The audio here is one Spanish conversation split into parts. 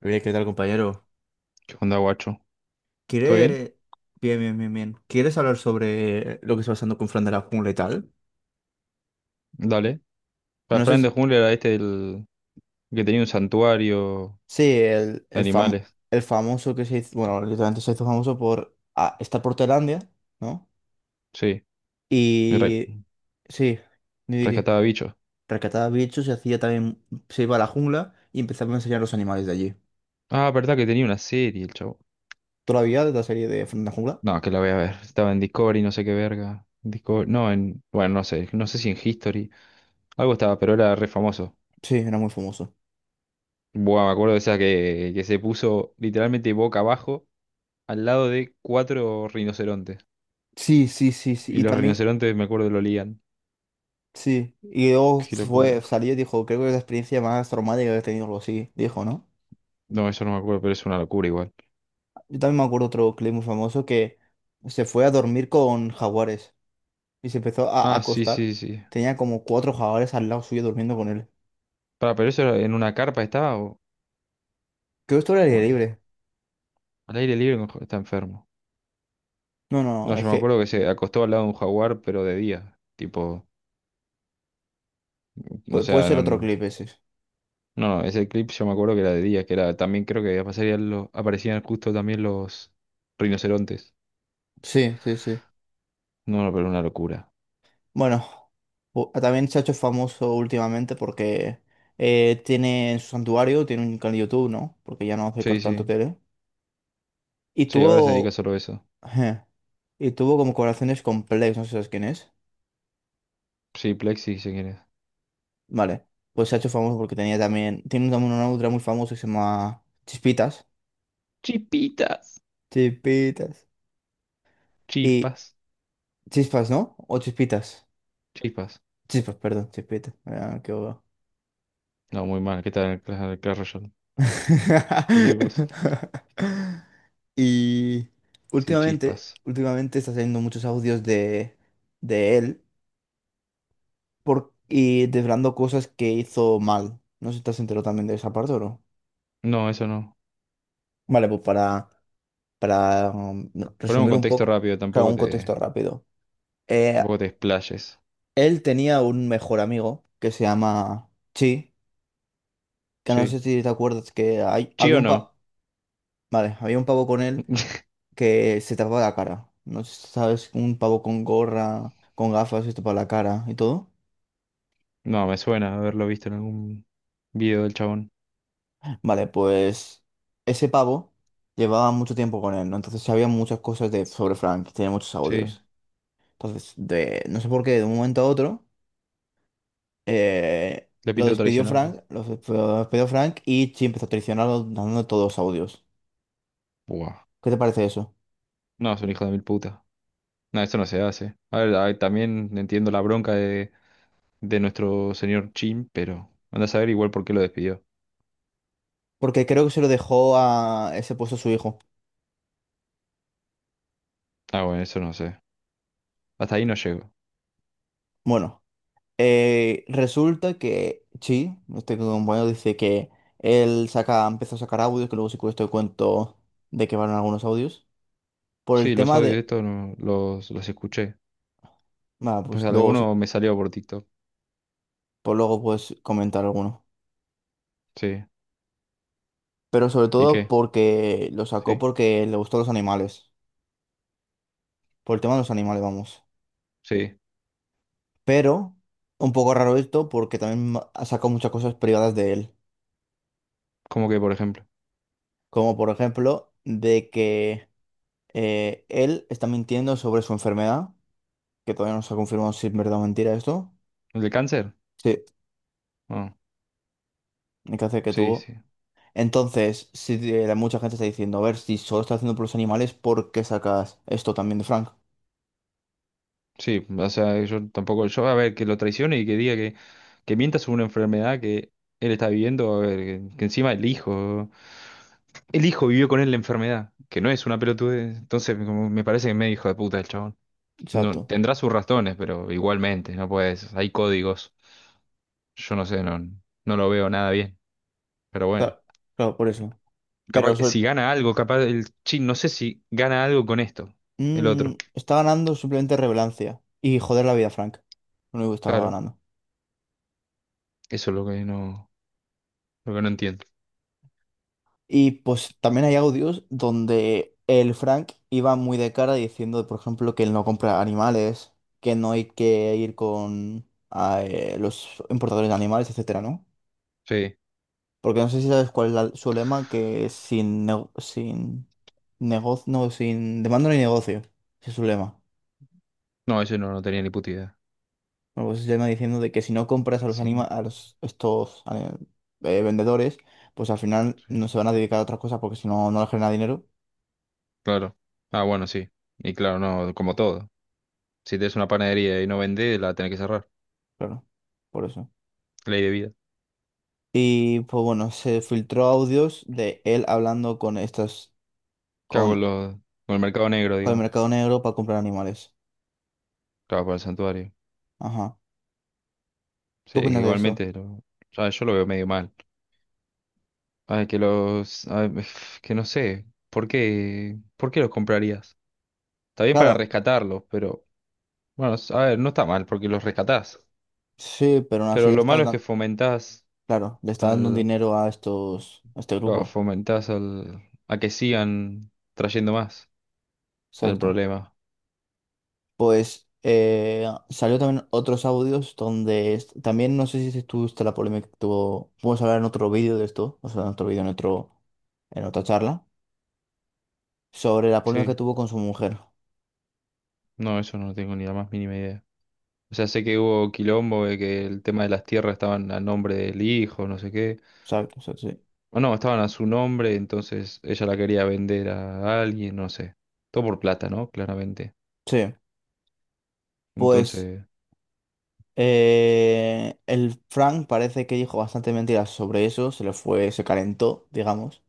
Bien, ¿qué tal, compañero? ¿Qué onda, guacho? ¿Todo bien? ¿Quiere... Bien, bien, bien, bien. ¿Quieres hablar sobre lo que está pasando con Fran de la Jungla y tal? Dale. Para No sé Fran si... de Jungla era el que tenía un santuario Sí, de animales. el famoso que se hizo... Bueno, literalmente se hizo famoso por estar por Tailandia, ¿no? Sí, y Y... Sí, ni di, di. rescataba bichos. Rescataba bichos y hacía también... Se iba a la jungla y empezaba a enseñar los animales de allí. Ah, verdad que tenía una serie el chavo. Todavía de la serie de Fran de la Jungla. No, que la voy a ver. Estaba en Discovery, no sé qué verga. Discovery, no, en. Bueno, no sé. No sé si en History. Algo estaba, pero era re famoso. Sí, era muy famoso. Buah, me acuerdo de esa que se puso literalmente boca abajo al lado de 4 rinocerontes. Sí, sí, sí, sí. Y Y los también, rinocerontes, me acuerdo, lo olían. sí, y luego Qué fue, locura. salió y dijo, creo que es la experiencia más traumática que he tenido, algo así, dijo, ¿no? No, eso no me acuerdo, pero es una locura igual. Yo también me acuerdo otro clip muy famoso que se fue a dormir con jaguares y se empezó a Ah, sí, acostar. sí, sí. Tenía como cuatro jaguares al lado suyo durmiendo con él. Para, pero eso en una carpa estaba o Creo que esto era al ¿cómo aire era? libre. Al aire libre no, está enfermo. No, no, No, no, es yo me que acuerdo que se acostó al lado de un jaguar, pero de día. Tipo, o puede sea, ser no, otro no, clip ese. no, ese clip yo me acuerdo que era de día, que era también creo que aparecían aparecían justo también los rinocerontes. Sí, sí, sí. No, no, pero una locura. Bueno, también se ha hecho famoso últimamente porque tiene en su santuario, tiene un canal de YouTube, ¿no? Porque ya no hace Sí, tanto sí. tele. Y Sí, ahora se dedica tuvo solo a eso. ajá. Y tuvo como colaboraciones con Plex, no sé si sabes quién es. Sí, Plexi, si quieres. Vale, pues se ha hecho famoso porque tenía también, tiene también una otra muy famosa que se llama Chispitas. Chipitas. Chispitas. Y Chispas. Chispas, ¿no? O Chispitas. Chispas. Chispas, perdón, Chispitas. Ah, qué bobo. No, muy mal. ¿Qué tal el el Clash Royale? Cualquier cosa. Y Sí, últimamente, chispas. últimamente está saliendo muchos audios de él por, y desvelando cosas que hizo mal. No sé si estás enterado también de esa parte o no. No, eso no. Vale, pues para Ponemos resumir un contexto poco, rápido, claro, tampoco un contexto te. rápido. Eh, Tampoco te explayes. él tenía un mejor amigo que se llama Chi, que no Sí. sé si te acuerdas que ¿Sí había o un no? Vale, había un pavo con él que se tapaba la cara. No sé si sabes, un pavo con gorra, con gafas, se tapaba la cara y todo. No, me suena haberlo visto en algún video del chabón. Vale, pues ese pavo llevaba mucho tiempo con él, ¿no? Entonces sabía muchas cosas de, sobre Frank, tenía muchos Sí, audios. Entonces, de, no sé por qué, de un momento a otro eh, le lo pinto despidió traicionarlo. Frank, lo despidió Frank y Chi empezó a traicionarlo dando todos los audios. Buah. ¿Qué te parece eso? No, es un hijo de mil putas. No, eso no se hace. A ver, también entiendo la bronca de nuestro señor Chin, pero anda a saber igual por qué lo despidió. Porque creo que se lo dejó a ese puesto a su hijo. Ah, bueno, eso no sé. Hasta ahí no llego. Bueno, resulta que Chi, este compañero, dice que él saca, empezó a sacar audios, que luego sí esto cuento de que van algunos audios. Por el Sí, los tema audios de de. esto no, los escuché. Bueno, pues Pues luego sí, alguno me salió por TikTok. por luego puedes comentar alguno. Sí. Pero sobre ¿Y todo qué? porque lo sacó Sí. porque le gustó los animales. Por el tema de los animales, vamos. Sí. Pero un poco raro esto porque también ha sacado muchas cosas privadas de él, ¿Cómo que, por ejemplo? como por ejemplo de que él está mintiendo sobre su enfermedad, que todavía no se ha confirmado si es verdad o mentira esto. ¿El de cáncer? Sí, Ah, el cáncer que sí, tuvo. sí. Entonces, si mucha gente está diciendo, a ver, si solo está haciendo por los animales, ¿por qué sacas esto también de Frank? Sí, o sea, yo tampoco, yo a ver, que lo traicione y que diga que mienta sobre una enfermedad que él está viviendo, a ver, que encima el hijo vivió con él la enfermedad, que no es una pelotudez, entonces como me parece que es medio hijo de puta el chabón. No, Exacto. tendrá sus razones, pero igualmente, no puedes, hay códigos, yo no sé, no, no lo veo nada bien, pero bueno, Claro, claro, por eso. capaz, Pero sobre- si gana algo, capaz el chin, no sé si gana algo con esto, el otro, Está ganando simplemente relevancia y joder la vida a Frank. Lo único que estaba claro, ganando. eso es lo que no entiendo, Y pues también hay audios donde el Frank iba muy de cara diciendo, por ejemplo, que él no compra animales, que no hay que ir con los importadores de animales, etcétera, ¿no? sí. Porque no sé si sabes cuál es su lema, que es sin negocio, no, sin demanda ni negocio. Ese es su lema. No, ese no, no tenía ni puta idea. Bueno, pues se llama diciendo de que si no compras Sin de- a los estos vendedores, pues al final Sí. no se van a dedicar a otras cosas porque si no, no les genera dinero. Claro. Ah, bueno, sí. Y claro, no, como todo. Si tienes una panadería y no vendés, la tenés que cerrar. Claro, por eso. Ley de vida. Y pues bueno, se filtró audios de él hablando con estas, ¿Qué hago con, con, con el mercado negro, con el digamos? mercado negro para comprar animales. Claro, para el santuario. Ajá. ¿Tú Sí, que opinas de eso? igualmente lo, ya yo lo veo medio mal. Ay, que los... ay, que no sé. ¿Por qué? ¿Por qué los comprarías? Está bien para Claro, rescatarlos, pero... Bueno, a ver, no está mal porque los rescatás. sí, pero aún así Pero le lo estás malo es que dando, fomentás. claro, le está dando dinero a estos, a este Claro, grupo. fomentás al, a que sigan trayendo más. Es el Exacto. problema. Pues salió también otros audios donde también no sé si tú viste la polémica que tuvo. Podemos hablar en otro vídeo de esto, o sea, en otro vídeo, en otro, en otra charla, sobre la polémica que Sí, tuvo con su mujer. no, eso no tengo ni la más mínima idea. O sea, sé que hubo quilombo de que el tema de las tierras estaban a nombre del hijo, no sé qué. Exacto, exacto, sí. O no, estaban a su nombre, entonces ella la quería vender a alguien, no sé. Todo por plata, ¿no? Claramente. Sí. Pues Entonces, eh, el Frank parece que dijo bastante mentiras sobre eso, se le fue, se calentó, digamos,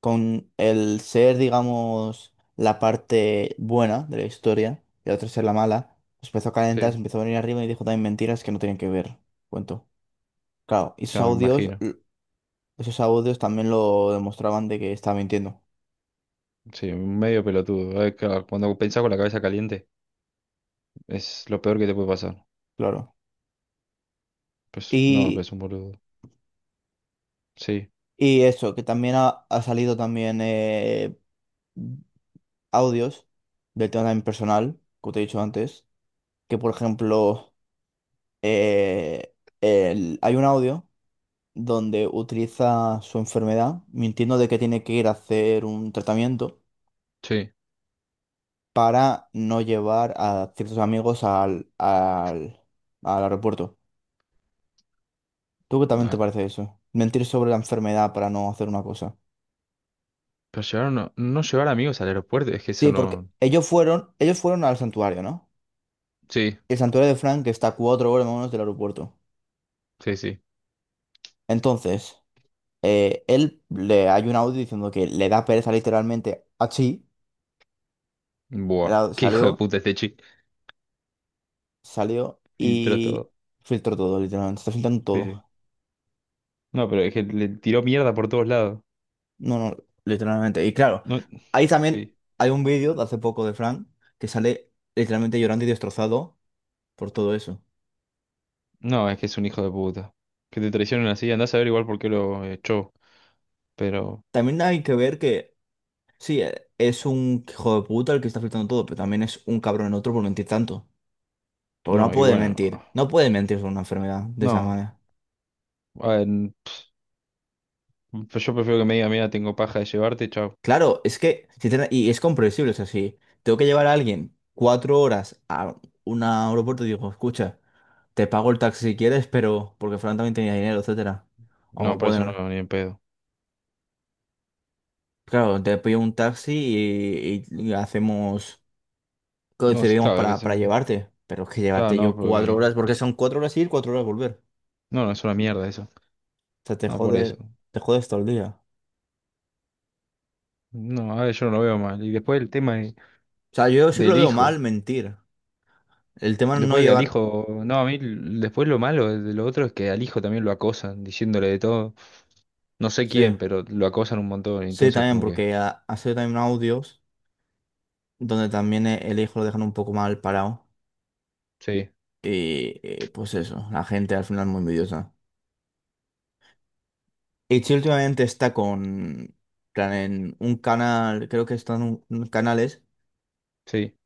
con el ser, digamos, la parte buena de la historia y el otro ser la mala, se empezó a calentar, se sí, empezó a venir arriba y dijo también mentiras que no tenían que ver, cuento. Claro, y esos claro, me audios, imagino. Esos audios también lo demostraban de que estaba mintiendo, Sí, medio pelotudo. Claro, cuando pensás con la cabeza caliente, es lo peor que te puede pasar. claro. Pues no, Y, es un boludo. Sí, y eso, que también ha salido también audios del tema también personal, como te he dicho antes que por ejemplo eh, hay un audio donde utiliza su enfermedad mintiendo de que tiene que ir a hacer un tratamiento sí. para no llevar a ciertos amigos al, al, al aeropuerto. ¿Tú qué también te parece eso? Mentir sobre la enfermedad para no hacer una cosa. Pero llevar no, no llevar amigos al aeropuerto, es que eso Sí, porque no. Ellos fueron al santuario, ¿no? Sí, El santuario de Frank está a 4 horas más o menos del aeropuerto. sí, sí. Entonces, él le hay un audio diciendo que le da pereza literalmente a Chi. Buah. Era- Qué hijo de salió, puta este chico. salió Filtró y todo. filtró todo, literalmente. Está filtrando Sí, sí. todo. No, pero es que le tiró mierda por todos lados. No, no, literalmente. Y claro, No, ahí también sí. hay un vídeo de hace poco de Frank que sale literalmente llorando y destrozado por todo eso. No, es que es un hijo de puta. Que te traicionen así, andás a ver igual por qué lo echó. Pero, También hay que ver que, sí, es un hijo de puta el que está filtrando todo, pero también es un cabrón en otro por mentir tanto. Porque no no, y puede bueno. mentir. No puede mentir sobre una enfermedad de esa No. manera. A ver, pues yo prefiero que me diga, mira, tengo paja de llevarte, chao. Claro, es que, y es comprensible, o sea, si tengo que llevar a alguien 4 horas a un aeropuerto, digo, escucha, te pago el taxi si quieres, pero porque Fran también tenía dinero, etcétera. No, O por eso no, pueden, ni en pedo. claro, te pido un taxi y hacemos, No, sí, coincidimos claro, que se... para llevarte, pero es que Claro, llevarte no, yo cuatro porque... horas, porque son 4 horas ir, 4 horas volver. No, no, es una mierda eso. O sea, te No, por eso. jode, te jodes todo el día. No, a ver, yo no lo veo mal. Y después el tema O sea, yo sí que lo del veo mal hijo. mentir. El tema no Después que al llevar, hijo. No, a mí después lo malo de lo otro es que al hijo también lo acosan, diciéndole de todo. No sé sí, quién, pero lo acosan un montón. Y sí, entonces, también, como que. porque ha sido también audios. Donde también el hijo lo dejan un poco mal parado. Sí, Y pues eso, la gente al final es muy envidiosa. Y Chi últimamente está con, plan, en un canal, creo que están un canales sí.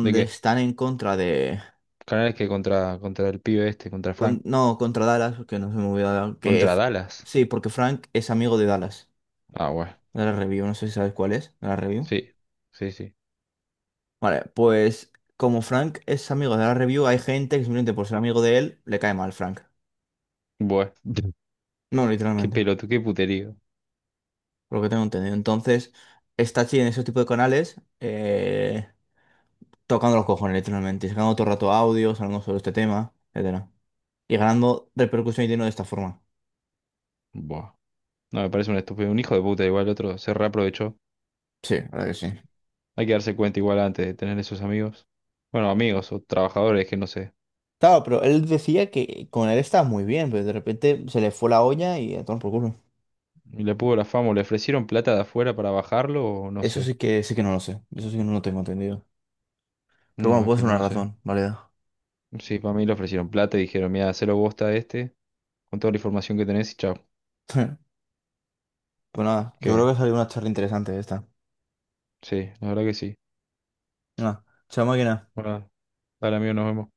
¿De qué? están en contra de, Canales que contra el pibe este, contra Frank. no, contra Dallas, porque no se me olvidó, Contra Dallas. sí, porque Frank es amigo de Dallas, Ah, bueno. de la Review, no sé si sabes cuál es, de la Review. Sí, sí, sí. Vale, pues como Frank es amigo de la Review, hay gente que simplemente por ser amigo de él le cae mal Frank. Bueno. No, Qué literalmente, pelotudo, qué puterío. por lo que tengo entendido. Entonces, está así en esos tipos de canales tocando los cojones, literalmente, sacando todo el rato audios, hablando sobre este tema, etcétera. Y ganando repercusión y dinero de esta forma. Buah. No, me parece un estúpido. Un hijo de puta, igual el otro se reaprovechó. Sí, la verdad que sí. Hay que darse cuenta igual antes de tener esos amigos. Bueno, amigos o trabajadores que no sé. Claro, pero él decía que con él estaba muy bien, pero de repente se le fue la olla y a tomar por culo. Y le pudo la fama, o le ofrecieron plata de afuera para bajarlo, o no Eso sé. Sí que no lo sé. Eso sí que no lo tengo entendido. Pero bueno, No, es puede que ser no una lo sé. razón válida. Sí, para mí le ofrecieron plata y dijeron, mira, hacelo bosta a este, con toda la información que tenés y chao. Pues nada, yo creo ¿Qué? que salió una charla interesante esta. Sí, la verdad que sí. Venga, chao máquina. Bueno, dale amigo, nos vemos.